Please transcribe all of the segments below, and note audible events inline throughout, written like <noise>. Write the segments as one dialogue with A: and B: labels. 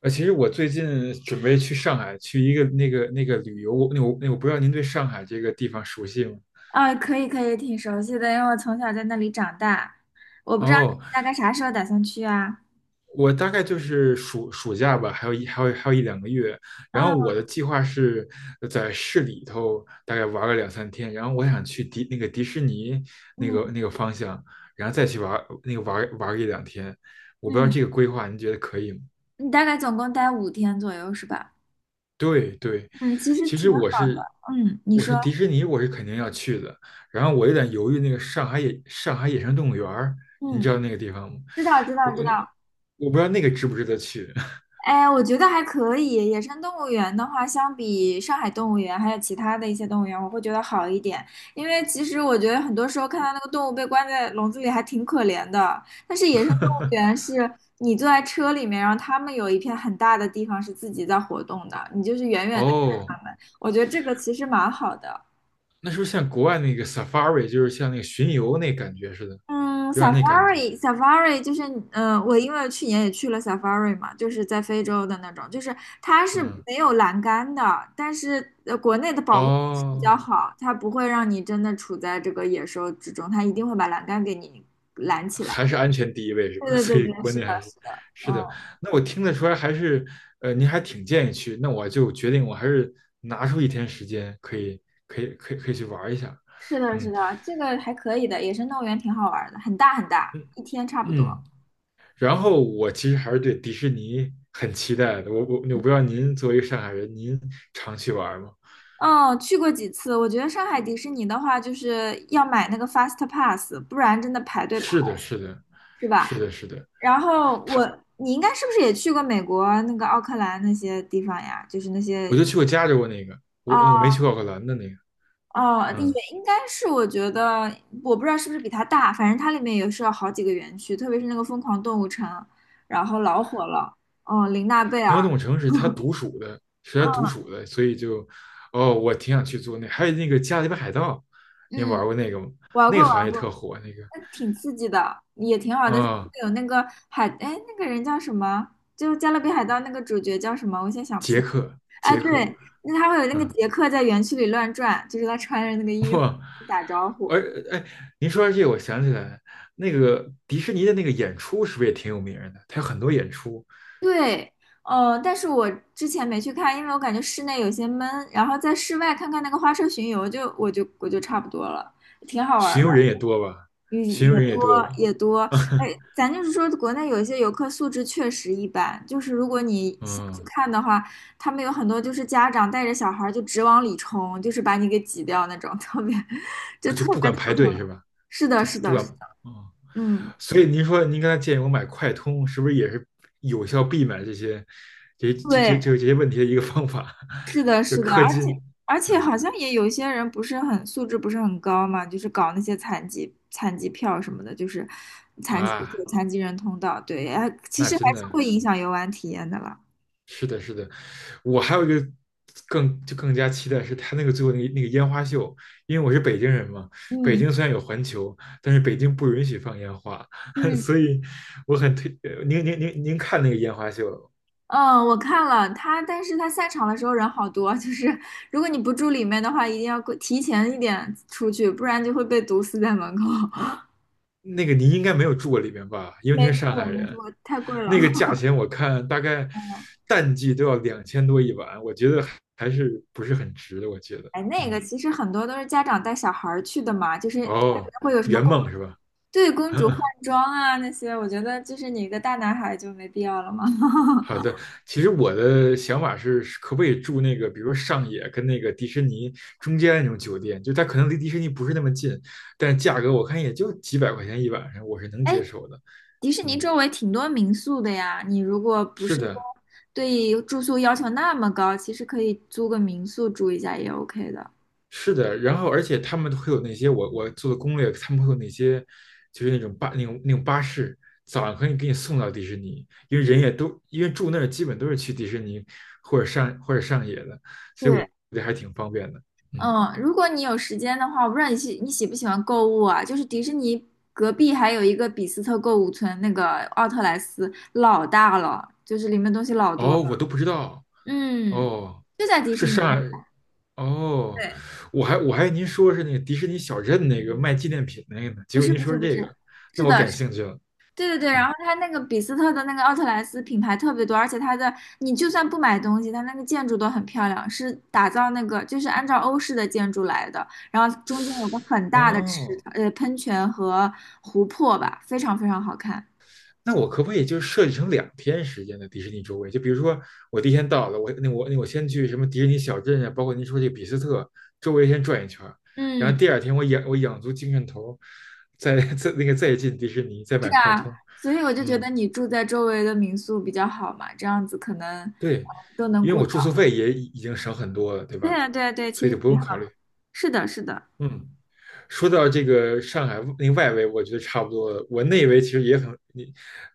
A: 其实我最近准备去上海去一个那个旅游，我不知道您对上海这个地方熟悉吗？
B: 啊，可以可以，挺熟悉的，因为我从小在那里长大。我不知道
A: 哦，
B: 你大概啥时候打算去啊？
A: 我大概就是暑假吧，还有一两个月。然后
B: 哦，
A: 我的计划是在市里头大概玩个两三天，然后我想去迪士尼那
B: 嗯
A: 个那个方向，然后再去玩那个玩玩一两天。我不知道
B: 嗯，
A: 这个规划您觉得可以吗？
B: 你大概总共待5天左右是吧？
A: 对对，
B: 嗯，其实
A: 其
B: 挺
A: 实
B: 好
A: 我
B: 的。
A: 是
B: 嗯，你
A: 我
B: 说，
A: 是迪士尼，我是肯定要去的。然后我有点犹豫，那个上海野生动物园儿，您
B: 嗯，
A: 知道那个地方吗？
B: 知道知道
A: 我
B: 知
A: 那
B: 道。
A: 我不知道那个值不值得去。<laughs>
B: 哎，我觉得还可以。野生动物园的话，相比上海动物园还有其他的一些动物园，我会觉得好一点。因为其实我觉得很多时候看到那个动物被关在笼子里还挺可怜的。但是野生动物园是你坐在车里面，然后他们有一片很大的地方是自己在活动的，你就是远远的看
A: 哦，
B: 他们。我觉得这个其实蛮好的。
A: 那是不是像国外那个 safari,就是像那个巡游那感觉似的，
B: 嗯
A: 有点那感觉。
B: ，Safari，Safari 就是，嗯，我因为去年也去了 Safari 嘛，就是在非洲的那种，就是它是
A: 嗯，
B: 没有栏杆的，但是国内的保护措施比较
A: 哦。
B: 好，它不会让你真的处在这个野兽之中，它一定会把栏杆给你拦起来。
A: 还是安全第一位是吧？<laughs>
B: 对
A: 所
B: 对
A: 以
B: 对对，
A: 国
B: 是
A: 内还
B: 的，
A: 是
B: 是的，嗯，
A: 是的。那我听得出来，还是您还挺建议去。那我就决定，我还是拿出一天时间，可以可以可以可以去玩一下。
B: 是的，是
A: 嗯
B: 的，这个还可以的，野生动物园挺好玩儿的，很大很大，
A: 嗯
B: 一天差不多。
A: 嗯。然后我其实还是对迪士尼很期待的。我不知道您作为一个上海人，您常去玩吗？
B: 嗯，去过几次，我觉得上海迪士尼的话，就是要买那个 Fast Pass，不然真的排队排。
A: 是的，是的，
B: 是吧？
A: 是的，是的。
B: 然后我，你应该是不是也去过美国那个奥克兰那些地方呀？就是那
A: 我
B: 些
A: 就去过加州那个，我
B: 哦
A: 我没去过奥克兰的那个。
B: 哦，也
A: 嗯，
B: 应该是，我觉得我不知道是不是比它大，反正它里面也是有好几个园区，特别是那个疯狂动物城，然后老火了。哦，琳娜贝
A: 总
B: 尔，
A: 统城是他独属的，是他独
B: 嗯，
A: 属的，所以就，哦，我挺想去做那，还有那个《加勒比海盗》，你
B: 嗯，
A: 玩过那个吗？
B: 玩
A: 那个
B: 过
A: 好像
B: 玩
A: 也特
B: 过，
A: 火，那个
B: 那挺刺激的，也挺好的。它会
A: 啊、
B: 有那个海，哎，那个人叫什么？就加勒比海盗》那个主角叫什么？我现在想不起
A: 杰
B: 来。
A: 克，
B: 啊，
A: 杰克，
B: 对，那他会有那个
A: 嗯，
B: 杰克在园区里乱转，就是他穿着那个衣服
A: 哇。
B: 打招呼。
A: 而哎，您说到这个，我想起来，那个迪士尼的那个演出是不是也挺有名的？它有很多演出，
B: 对，但是我之前没去看，因为我感觉室内有些闷，然后在室外看看那个花车巡游就，我就差不多了，挺好玩
A: 巡
B: 儿
A: 游
B: 的。
A: 人也多吧？
B: 也
A: 巡游
B: 也
A: 人
B: 多
A: 也多吧？
B: 也多，哎，
A: <laughs>
B: 咱就是说，国内有一些游客素质确实一般，就是如果你想去
A: 嗯，
B: 看的话，他们有很多就是家长带着小孩儿就直往里冲，就是把你给挤掉那种，特别 <laughs> 就
A: 就
B: 特
A: 不
B: 别
A: 管
B: 头
A: 排
B: 疼。
A: 队是吧？
B: 是的，
A: 就
B: 是
A: 不
B: 的，
A: 管，
B: 是的，
A: 嗯。
B: 嗯，
A: 所以您说您刚才建议我买快通，是不是也是有效避免这些这这这
B: 对，
A: 这这些问题的一个方法？
B: 是的，
A: <laughs> 就
B: 是的，
A: 氪
B: 而
A: 金，
B: 且而且
A: 嗯，
B: 好像也有一些人不是很素质不是很高嘛，就是搞那些残疾票什么的，就是残疾
A: 啊，
B: 残疾人通道，对，哎，其
A: 那
B: 实还
A: 真
B: 是
A: 的
B: 会影响游玩体验的啦。
A: 是的，是的。我还有一个更加期待是他那个最后那个烟花秀，因为我是北京人嘛，北
B: 嗯。
A: 京虽然有环球，但是北京不允许放烟花，<laughs>
B: 嗯
A: 所以我很推呃您您您您看那个烟花秀了吗？
B: 嗯，我看了他，但是他散场的时候人好多，就是如果你不住里面的话，一定要过提前一点出去，不然就会被毒死在门口。<laughs>
A: 那个您应该没有住过里面吧？因为
B: 没
A: 您是上
B: 错，
A: 海
B: 没
A: 人，
B: 错，太贵了。
A: 那个价
B: <laughs>
A: 钱我看大概
B: 嗯，
A: 淡季都要2000多一晚，我觉得还是不是很值的。我觉得，
B: 哎，那个
A: 嗯，
B: 其实很多都是家长带小孩儿去的嘛，就是它里
A: 哦，
B: 面会有什么
A: 圆
B: 公，
A: 梦是吧？
B: 对，公主换
A: <laughs>
B: 装啊那些，我觉得就是你一个大男孩就没必要了嘛。<laughs>
A: 好的，其实我的想法是，是可不可以住那个，比如说上野跟那个迪士尼中间那种酒店，就它可能离迪士尼不是那么近，但价格我看也就几百块钱一晚上，我是能
B: 哎，
A: 接受的。
B: 迪士尼
A: 嗯，
B: 周围挺多民宿的呀，你如果不
A: 是
B: 是说
A: 的，
B: 对住宿要求那么高，其实可以租个民宿住一下也 OK 的。
A: 是的，然后而且他们会有那些我做的攻略，他们会有那些就是那种那种巴士，早上可以给你送到迪士尼，因为人也都因为住那儿基本都是去迪士尼或者上野的，所以我
B: 对，
A: 觉得还挺方便的。嗯，
B: 嗯，如果你有时间的话，我不知道你喜不喜欢购物啊？就是迪士尼隔壁还有一个比斯特购物村，那个奥特莱斯老大了，就是里面东西老多了。
A: 哦，我都不知道，
B: 嗯，
A: 哦，
B: 就在迪士
A: 是
B: 尼
A: 上
B: 边
A: 海。
B: 上。
A: 哦，
B: 对，
A: 我还以为您说是那个迪士尼小镇那个卖纪念品那个呢，结
B: 不
A: 果
B: 是
A: 您
B: 不
A: 说
B: 是
A: 是
B: 不是，
A: 这个，
B: 是
A: 那我
B: 的，
A: 感兴趣了。
B: 对对对，然
A: 嗯，
B: 后它那个比斯特的那个奥特莱斯品牌特别多，而且它的你就算不买东西，它那个建筑都很漂亮，是打造那个就是按照欧式的建筑来的，然后中间有个很大的
A: 哦。
B: 喷泉和湖泊吧，非常非常好看。
A: 那我可不可以就设计成两天时间的迪士尼周围？就比如说我第一天到了，我先去什么迪士尼小镇啊，包括您说这个比斯特周围先转一圈，然后
B: 嗯，
A: 第二天我养足精神头儿，再再那个再进迪士尼，再
B: 是
A: 买快
B: 啊，
A: 通。
B: 所以我就觉
A: 嗯，
B: 得你住在周围的民宿比较好嘛，这样子可能
A: 对，
B: 都能
A: 因为
B: 顾
A: 我住宿
B: 到。
A: 费也已经省很多了，对
B: 对
A: 吧？
B: 啊，对啊，对，
A: 所
B: 其
A: 以
B: 实
A: 就不
B: 挺
A: 用
B: 好。
A: 考虑。
B: 是的，是的，
A: 嗯，说到这个上海那个外围，我觉得差不多了。我内围其实也很，你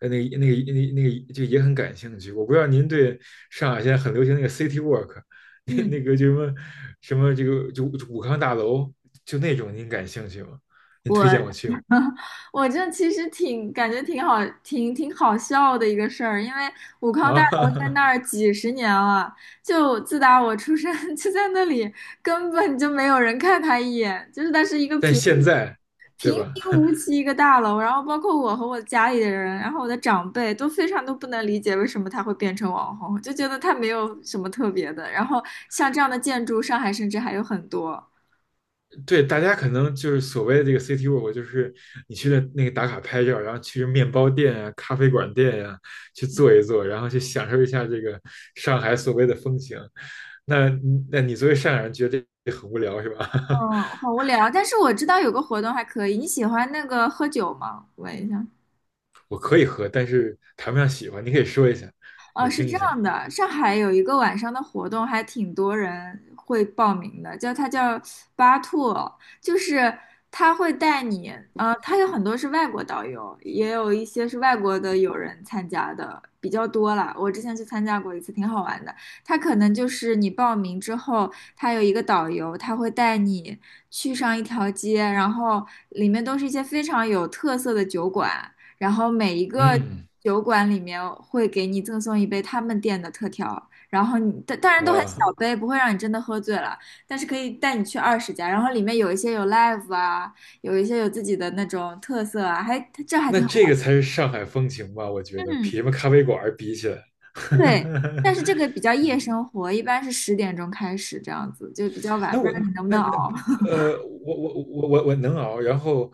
A: 呃那个那个那个那个就也很感兴趣。我不知道您对上海现在很流行那个 city walk,<laughs> 那
B: 嗯。
A: 那个就什么什么这个就就武康大楼，就那种您感兴趣吗？您推荐
B: 我。
A: 我去吗？
B: 我这其实挺感觉挺好，挺好笑的一个事儿，因为武康大楼在
A: 啊，
B: 那儿几十年了，就自打我出生 <laughs> 就在那里，根本就没有人看他一眼，就是它是一个
A: <laughs> 但
B: 平
A: 现在对
B: 平
A: 吧？
B: 平无奇一个大楼，然后包括我和我家里的人，然后我的长辈都非常都不能理解为什么它会变成网红，就觉得它没有什么特别的，然后像这样的建筑，上海甚至还有很多。
A: 对，大家可能就是所谓的这个 city walk,就是你去的那个打卡拍照，然后去面包店啊、咖啡馆店呀、去坐一坐，然后去享受一下这个上海所谓的风情。那那你作为上海人，觉得这很无聊是吧？<laughs>
B: 嗯，好无聊，但是我知道有个活动还可以，你喜欢那个喝酒吗？问一下。
A: 我可以喝，但是谈不上喜欢。你可以说一下，我
B: 哦，是
A: 听
B: 这
A: 一下。
B: 样的，上海有一个晚上的活动，还挺多人会报名的，叫它叫巴兔，就是他会带你，他有很多是外国导游，也有一些是外国的友人参加的，比较多啦。我之前去参加过一次，挺好玩的。他可能就是你报名之后，他有一个导游，他会带你去上一条街，然后里面都是一些非常有特色的酒馆。然后每一个
A: 嗯，
B: 酒馆里面会给你赠送一杯他们店的特调，然后你当然都很
A: 哇，
B: 小杯，不会让你真的喝醉了，但是可以带你去20家，然后里面有一些有 live 啊，有一些有自己的那种特色啊，还这还
A: 那
B: 挺好
A: 这个
B: 玩
A: 才是上海风情吧？我觉得
B: 嗯，
A: 比什么咖啡馆儿比起来。
B: 对，但是
A: <laughs>
B: 这个比较夜生活，一般是10点钟开始这样子，就比较晚，
A: 那
B: 不知
A: 我
B: 道你能不
A: 那
B: 能
A: 那
B: 熬。
A: 呃，我能熬。然后，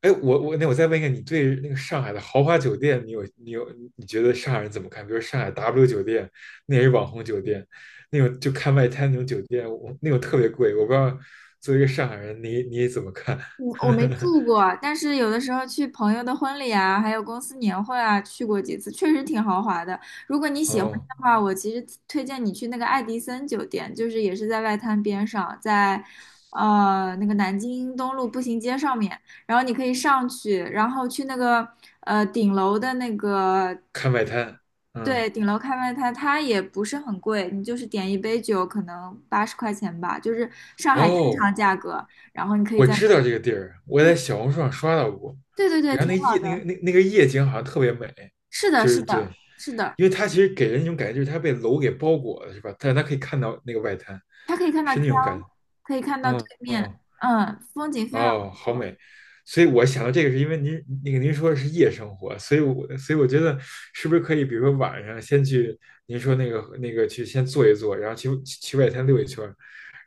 A: 哎，我再问一个，你对那个上海的豪华酒店，你觉得上海人怎么看？比如上海 W 酒店，那也是网红酒店，那种就看外滩那种酒店，我那种特别贵。我不知道作为一个上海人，你怎么看？
B: 嗯，我没
A: <laughs>
B: 住过，但是有的时候去朋友的婚礼啊，还有公司年会啊，去过几次，确实挺豪华的。如果你喜欢
A: 哦，
B: 的话，我其实推荐你去那个爱迪森酒店，就是也是在外滩边上，在那个南京东路步行街上面，然后你可以上去，然后去那个顶楼的那个。
A: 看外滩，嗯，
B: 对，顶楼看外滩，它也不是很贵，你就是点一杯酒，可能80块钱吧，就是上海正
A: 哦，
B: 常价格。然后你可以
A: 我
B: 在那
A: 知道这个地儿，我在小红书上刷到过。
B: 对对对，
A: 然后
B: 挺
A: 那
B: 好
A: 夜那
B: 的。
A: 个那那个夜景好像特别美，
B: 是的，
A: 就是
B: 是
A: 对，
B: 的，是的，
A: 因为它其实给人一种感觉，就是它被楼给包裹了，是吧？但是它可以看到那个外滩，
B: 它可以看到
A: 是
B: 江，
A: 那种感觉。
B: 可以看到对
A: 嗯
B: 面，
A: 嗯，
B: 嗯，风景非常
A: 哦，
B: 不
A: 好
B: 错。
A: 美。所以我想到这个，是因为您那个您说的是夜生活，所以我觉得是不是可以，比如说晚上先去您说那个去先坐一坐，然后去外滩溜一圈儿，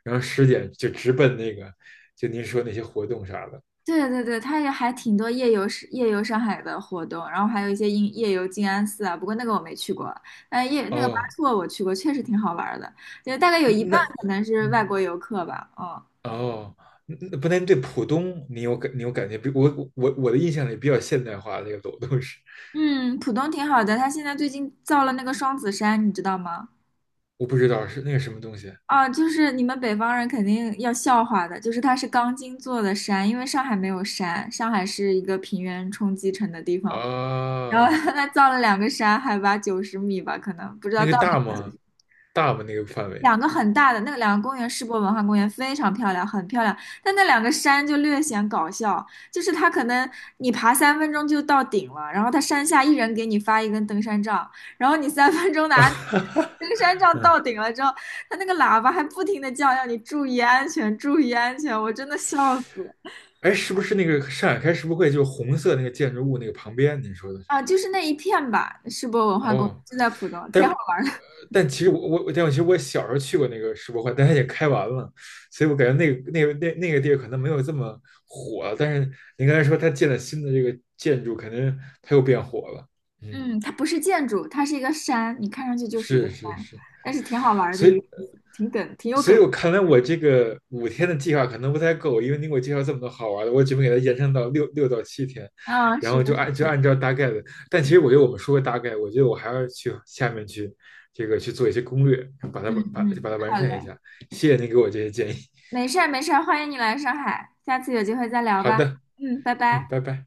A: 然后10点就直奔那个就您说那些活动啥的。
B: 对对对，它也还挺多夜游上海的活动，然后还有一些夜游静安寺啊，不过那个我没去过。但那个巴
A: 哦，
B: 措我去过，确实挺好玩儿的，就大概有
A: 那
B: 一
A: 那
B: 半可能是外
A: 嗯。
B: 国游客吧。嗯
A: 哦，那不但对浦东你有感觉，比我我我的印象里比较现代化的那个楼都是，
B: 嗯，浦东挺好的，它现在最近造了那个双子山，你知道吗？
A: 我不知道是那个什么东西
B: 啊，就是你们北方人肯定要笑话的，就是它是钢筋做的山，因为上海没有山，上海是一个平原冲积成的地方嘛。然后
A: 啊，
B: <laughs> 它造了两个山，海拔90米吧，可能不知
A: 那
B: 道
A: 个
B: 到
A: 大吗？大吗？那个范围？
B: 两个很大的那个两个公园，世博文化公园非常漂亮，很漂亮。但那两个山就略显搞笑，就是它可能你爬三分钟就到顶了，然后它山下一人给你发一根登山杖，然后你三分钟拿 <laughs> 登山杖
A: 嗯，
B: 到顶了之后，它那个喇叭还不停的叫，要你注意安全，注意安全，我真的笑死
A: 哎，是不是那个上海开世博会就是红色那个建筑物那个旁边？你说的是？
B: 啊！就是那一片吧，世博文化公园
A: 哦，
B: 就在浦东，
A: 但
B: 挺好玩。
A: 呃但其实我我我但我其实我小时候去过那个世博会，但它也开完了，所以我感觉那个地儿可能没有这么火，但是您刚才说它建了新的这个建筑，肯定它又变火了。嗯，
B: 嗯，它不是建筑，它是一个山，你看上去就是一个
A: 是是
B: 山，
A: 是，
B: 但是挺好玩的
A: 所以，
B: 一个，挺梗，挺有
A: 所以
B: 梗。
A: 我看来我这个5天的计划可能不太够，因为你给我介绍这么多好玩的，我准备给它延伸到六到七天，
B: 啊，
A: 然
B: 是
A: 后
B: 的，
A: 就按照大概的。但其实我觉得我们说个大概，我觉得我还要去下面去这个去做一些攻略，把它
B: 嗯
A: 把把它
B: 嗯，
A: 完
B: 好
A: 善一
B: 嘞，
A: 下。谢谢您给我这些建议。
B: 没事儿没事儿，欢迎你来上海，下次有机会再聊
A: 好
B: 吧。
A: 的，
B: 嗯，拜
A: 嗯，
B: 拜。
A: 拜拜。